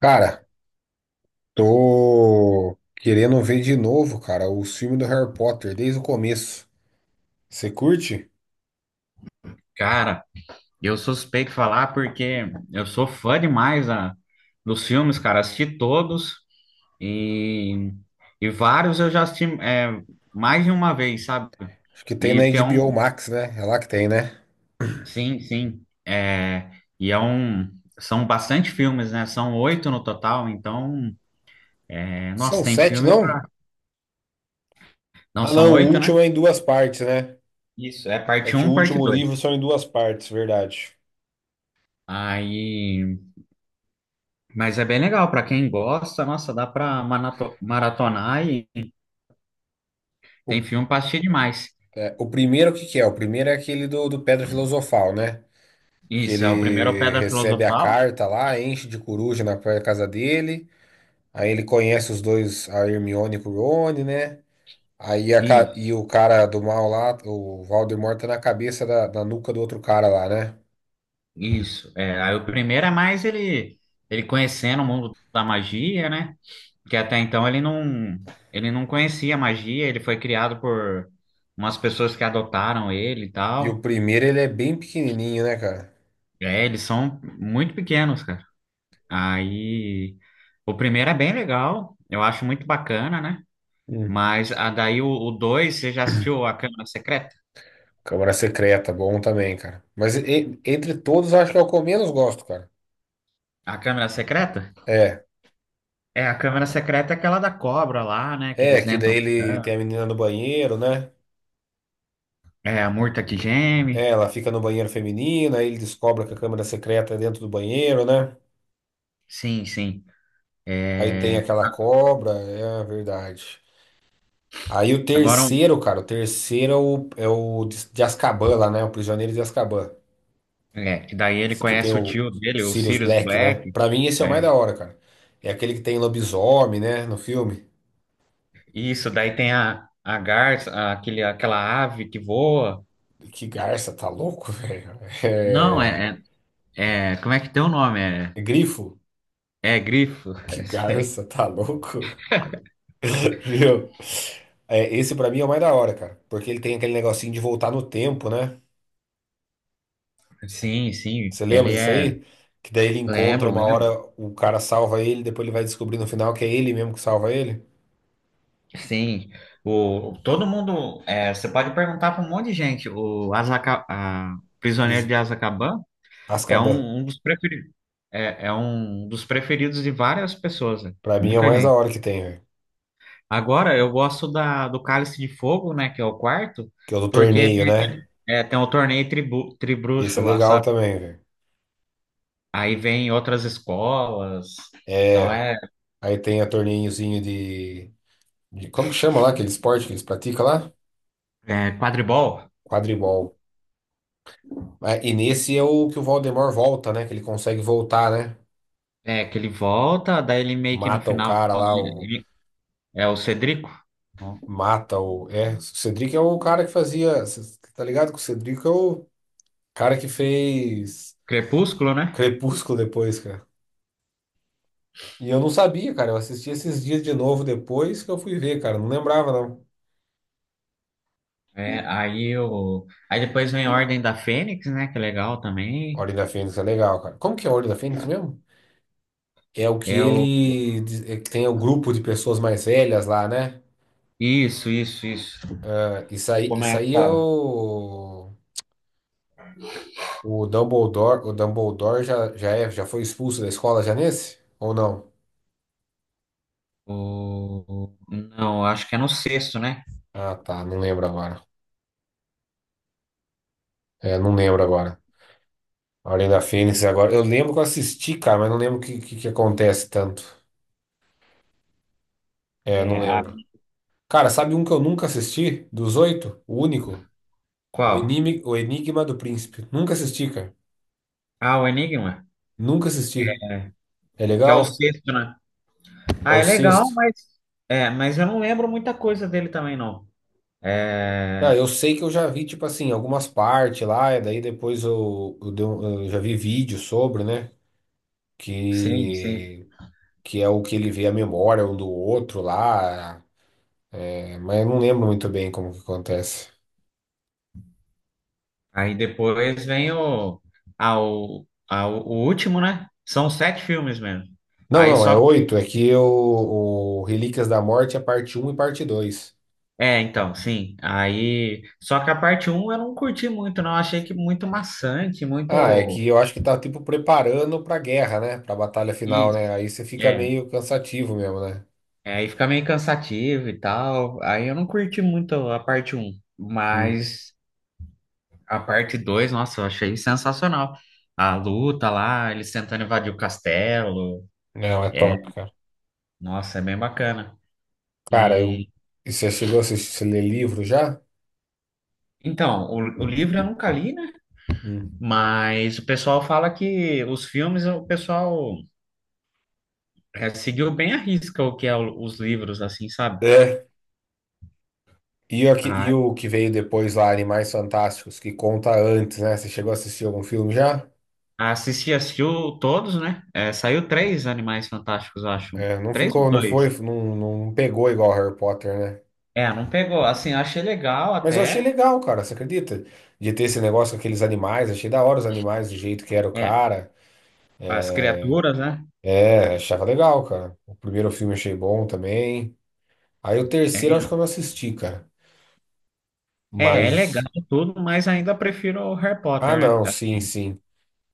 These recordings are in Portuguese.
Cara, tô querendo ver de novo, cara, o filme do Harry Potter desde o começo. Você curte? Cara, eu sou suspeito de falar porque eu sou fã demais dos filmes, cara. Assisti todos e, e vários eu já assisti mais de uma vez, sabe? Acho que tem E na porque é HBO um. Max, né? É lá que tem, né? Sim, sim. É, e é um. São bastante filmes, né? São oito no total, então. É, nossa, São tem sete, filme. Não? Não, Ah, são não, o oito, último né? é em duas partes, né? Isso, é É parte que o um, parte último dois. livro são em duas partes, verdade. Aí. Mas é bem legal, pra quem gosta, nossa, dá pra maratonar. Tem O, filme pra assistir demais. O primeiro, o que que é? O primeiro é aquele do Pedra Filosofal, né? Que Isso, é. O primeiro é o ele Pedra recebe a Filosofal. carta lá, enche de coruja na própria casa dele. Aí ele conhece os dois, a Hermione e o Rony, né? Aí Isso, e o cara do mal lá, o Valdemar tá na cabeça da nuca do outro cara lá, né? isso. É, aí o primeiro é mais ele conhecendo o mundo da magia, né? Que até então ele não conhecia magia, ele foi criado por umas pessoas que adotaram ele e E o tal. primeiro, ele é bem pequenininho, né, cara? É, eles são muito pequenos, cara. Aí o primeiro é bem legal, eu acho muito bacana, né? Hum. Mas daí o dois, você já assistiu A Câmara Secreta? Câmara Secreta, bom também, cara. Mas entre todos, acho que é o que eu menos gosto, cara. A Câmara Secreta? É, É, a câmera secreta é aquela da cobra lá, né? Que é, eles que entram daí na ele câmera. tem a menina no banheiro, né? É, a murta que É, geme. ela fica no banheiro feminino, aí ele descobre que a câmera secreta é dentro do banheiro, né? Sim, sim. Aí tem É, aquela cobra, é verdade. Aí o agora, terceiro, cara, o terceiro é o de Azkaban lá, né? O Prisioneiro de Azkaban. Que daí ele Que tem conhece o o tio dele, o Sirius Sirius Black, né? Black. Pra mim esse é o mais É, da hora, cara. É aquele que tem lobisomem, né? No filme. isso, daí tem a garça, aquele, aquela ave que voa. Que garça, tá louco, velho? Não, É... como é que tem o nome? É, é Grifo? é grifo. Que É isso aí. garça, tá louco? Viu? É, esse pra mim é o mais da hora, cara. Porque ele tem aquele negocinho de voltar no tempo, né? Sim, sim. Você lembra Ele disso é. aí? Que daí ele encontra Lembro, uma hora, lembro. o cara salva ele, depois ele vai descobrir no final que é ele mesmo que salva ele. Sim, todo mundo, você pode perguntar para um monte de gente, o Azaca, Por Prisioneiro isso, de Azkaban é Azkaban, um dos preferidos, é um dos preferidos de várias pessoas, né? pra mim é o Muita mais da gente. hora que tem, velho. Agora, eu gosto do Cálice de Fogo, né, que é o quarto, Que é o do porque torneio, né? Tem o torneio Esse tribruxo é lá, legal sabe? também, velho. Aí vem outras escolas, então É, aí tem a torneiozinho Como que chama lá aquele esporte que eles praticam lá? é quadribol, Quadribol. Ah, e nesse é o que o Voldemort volta, né? Que ele consegue voltar, né? Que ele volta, daí ele meio que no Mata o final, cara lá, o. ele é o Cedrico, Mata o. É, o Cedric é o cara que fazia. Cê tá ligado que o Cedric é o cara que fez Crepúsculo, né? Crepúsculo depois, cara. E eu não sabia, cara. Eu assisti esses dias de novo depois que eu fui ver, cara. Não lembrava, não. É, aí depois vem a Ordem da Fênix, né? Que é legal também. Ordem da Fênix é legal, cara. Como que é a Ordem da Fênix mesmo? É o que É o ele é que tem o grupo de pessoas mais velhas lá, né? Isso, isso, isso. E Isso aí é começa o Dumbledore, o Dumbledore já foi expulso da escola já nesse? Ou não? o, não, acho que é no sexto, né? Ah, tá, não lembro agora. É, não lembro agora. A Ordem da Fênix agora. Eu lembro que eu assisti, cara, mas não lembro o que acontece tanto. É, não É a. lembro. Cara, sabe um que eu nunca assisti? Dos oito? O único? Qual? O Enigma do Príncipe. Nunca assisti, cara. Ah, o Enigma, Nunca assisti. É que é o legal? sexto, né? É Ah, o é legal, sexto. mas eu não lembro muita coisa dele também não. Ah, É, eu sei que eu já vi, tipo assim, algumas partes lá, e daí depois eu já vi vídeo sobre, né? sim, sim. Que, que é o que ele vê a memória um do outro lá. É, mas eu não lembro muito bem como que acontece. Aí depois vem o último, né? São sete filmes mesmo. Não, Aí não, é só. oito. É que o Relíquias da Morte é parte um e parte 2. É, então, sim. Aí, só que a parte um eu não curti muito, não. Achei que muito maçante, Ah, é muito que eu acho que tá tipo preparando pra guerra, né? Pra batalha final, né? isso. Aí você fica É. meio cansativo mesmo, né? É, aí fica meio cansativo e tal. Aí eu não curti muito a parte um, Hum. mas a parte 2, nossa, eu achei sensacional. A luta lá, eles tentando invadir o castelo. Não, é É, top, cara. nossa, é bem bacana. Cara, eu... E e você chegou a assistir, você ler livro já? então, o livro eu nunca li, né? Hum. Mas o pessoal fala que os filmes, o pessoal seguiu bem à risca o que é os livros, assim, sabe? É. E o, que, A, e o que veio depois lá, Animais Fantásticos, que conta antes, né? Você chegou a assistir algum filme já? a Cici assistiu todos, né? É, saiu três Animais Fantásticos, eu acho. É, não Três ou ficou, não foi, dois? não pegou igual Harry Potter, né? É, não pegou. Assim, eu achei legal Mas eu achei até. legal, cara, você acredita? De ter esse negócio com aqueles animais, achei da hora os animais, do jeito que era o É, cara. as criaturas, né? É, achava legal, cara. O primeiro filme achei bom também. Aí o terceiro acho que É, eu não assisti, cara. é legal Mas. tudo, mas ainda prefiro o Harry Ah, Potter, né? não, sim, Assim, sim.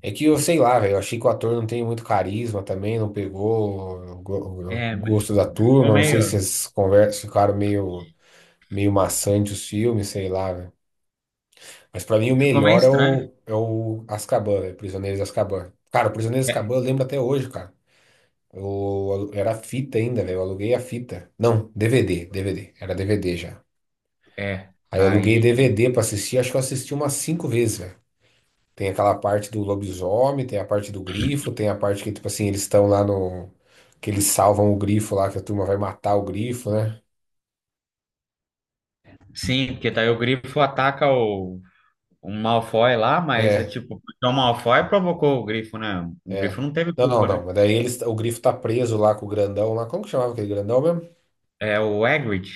É que eu sei lá, velho. Eu achei que o ator não tem muito carisma também, não pegou o go- é, o gosto da ficou turma. Não sei se meio, as conversas ficaram meio maçantes os filmes, sei lá, velho. Mas pra mim o ficou meio melhor é estranho. o, é o Azkaban, velho. Prisioneiros de Azkaban. Cara, o Prisioneiros de É, Azkaban eu lembro até hoje, cara. Eu, era fita ainda, velho. Eu aluguei a fita. Não, DVD, DVD. Era DVD já. é. Aí eu aluguei Aí, DVD pra assistir. Acho que eu assisti umas cinco vezes, velho. Tem aquela parte do lobisomem, tem a parte do grifo, tem a parte que, tipo assim, eles estão lá no. Que eles salvam o grifo lá, que a turma vai matar o grifo, né? sim, porque daí o Grifo ataca o um Malfoy lá, mas é É, tipo, porque o Malfoy provocou o Grifo, né? O é. Grifo não teve Não, não, culpa, não. né? Mas daí eles, o grifo tá preso lá com o grandão lá. Como que chamava aquele grandão mesmo? É o Hagrid.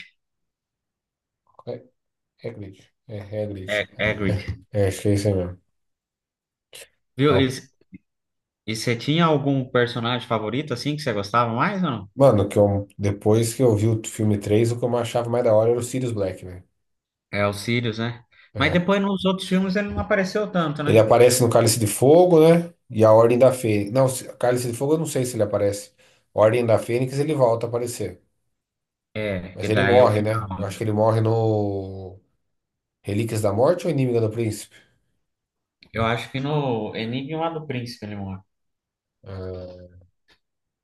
É, é Hagrid. É, Hagrid. É, É, é, Hagrid. é, acho que é isso aí mesmo. Viu? E você tinha algum personagem favorito, assim, que você gostava mais ou não? Mano, que eu, depois que eu vi o filme 3 o que eu achava mais da hora era o Sirius Black, né? É o Sirius, né? Mas É. depois nos outros filmes ele não apareceu tanto, Ele né? aparece no Cálice de Fogo, né? E a Ordem da Fênix. Não, Cálice de Fogo eu não sei se ele aparece. Ordem da Fênix ele volta a aparecer. É, Mas que ele daí é o morre, final. né? Eu acho que ele morre no Relíquias da Morte ou Inimiga do Príncipe? Eu acho que no Enigma do Príncipe ele morre. Ah,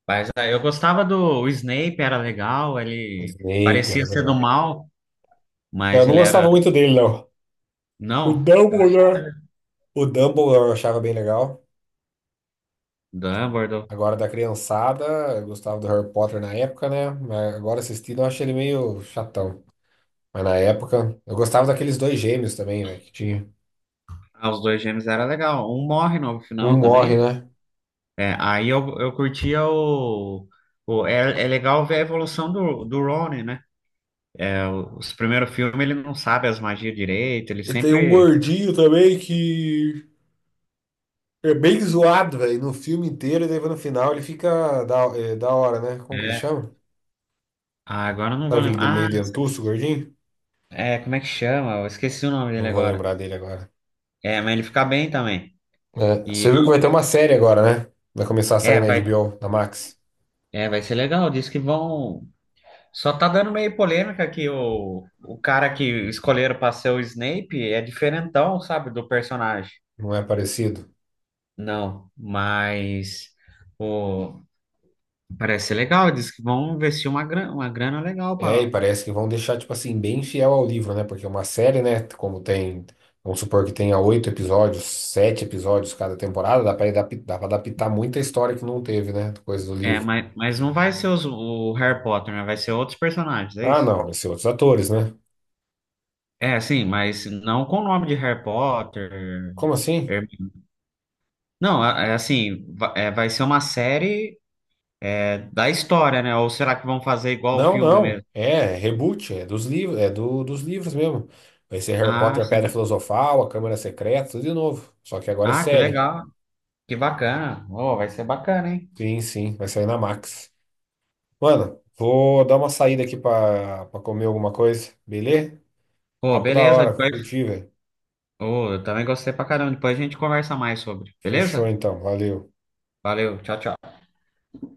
Mas eu gostava do o Snape, era legal, ele Snape parecia era ser do legal. mal, Eu mas não ele era... gostava muito dele, não. O Não, Dumbledore. O Dumbledore eu achava bem legal. Dumbledore. Agora da criançada, eu gostava do Harry Potter na época, né? Mas agora assistindo eu acho ele meio chatão. Mas na época, eu gostava daqueles dois gêmeos também, velho, que tinha. Ah, os dois gêmeos era legal. Um morre no Um final morre, também. né? É, aí eu curtia o. É legal ver a evolução do Ronnie, né? É, os primeiros filmes ele não sabe as magias direito, ele E tem um sempre. gordinho também que é bem zoado, velho, no filme inteiro, e daí no final ele fica da hora, né? Como que ele É. chama? Ah, agora eu não vou Sabe aquele de lembrar. Ah, meio dentuço, gordinho? Como é que chama? Eu esqueci o nome Não dele vou agora. lembrar dele agora. É, mas ele fica bem também. É, você E viu que vai ter uma série agora, né? Vai começar a sair é, na vai, HBO, na Max. Vai ser legal. Diz que vão. Só tá dando meio polêmica que o cara que escolheram pra ser o Snape é diferentão, sabe, do personagem. Não é parecido? Não, mas pô, parece ser legal. Diz que vão investir uma grana legal É, e para. parece que vão deixar, tipo assim, bem fiel ao livro, né? Porque uma série, né? Como tem, vamos supor que tenha oito episódios, sete episódios cada temporada, dá pra adaptar muita história que não teve, né? Coisa do É, livro. mas não vai ser o Harry Potter, né? Vai ser outros personagens, é Ah, isso? não, vai ser outros atores, né? É, sim, mas não com o nome de Harry Potter. Como assim? Herm- Não, é assim, vai ser uma série da história, né? Ou será que vão fazer igual o Não, filme mesmo? não. É, reboot, é dos livros, é dos livros mesmo. Vai ser Harry Ah, Potter, Pedra sim. Filosofal, A Câmara Secreta, tudo de novo. Só que agora é Ah, que série. legal, que bacana. Oh, vai ser bacana, hein? Sim, sim, vai sair na Max. Mano, vou dar uma saída aqui pra comer alguma coisa, beleza? Pô, Papo da beleza. hora, Depois... curti, velho. Oh, eu também gostei pra caramba. Depois a gente conversa mais sobre, Fechou beleza? então, valeu. Valeu, tchau, tchau.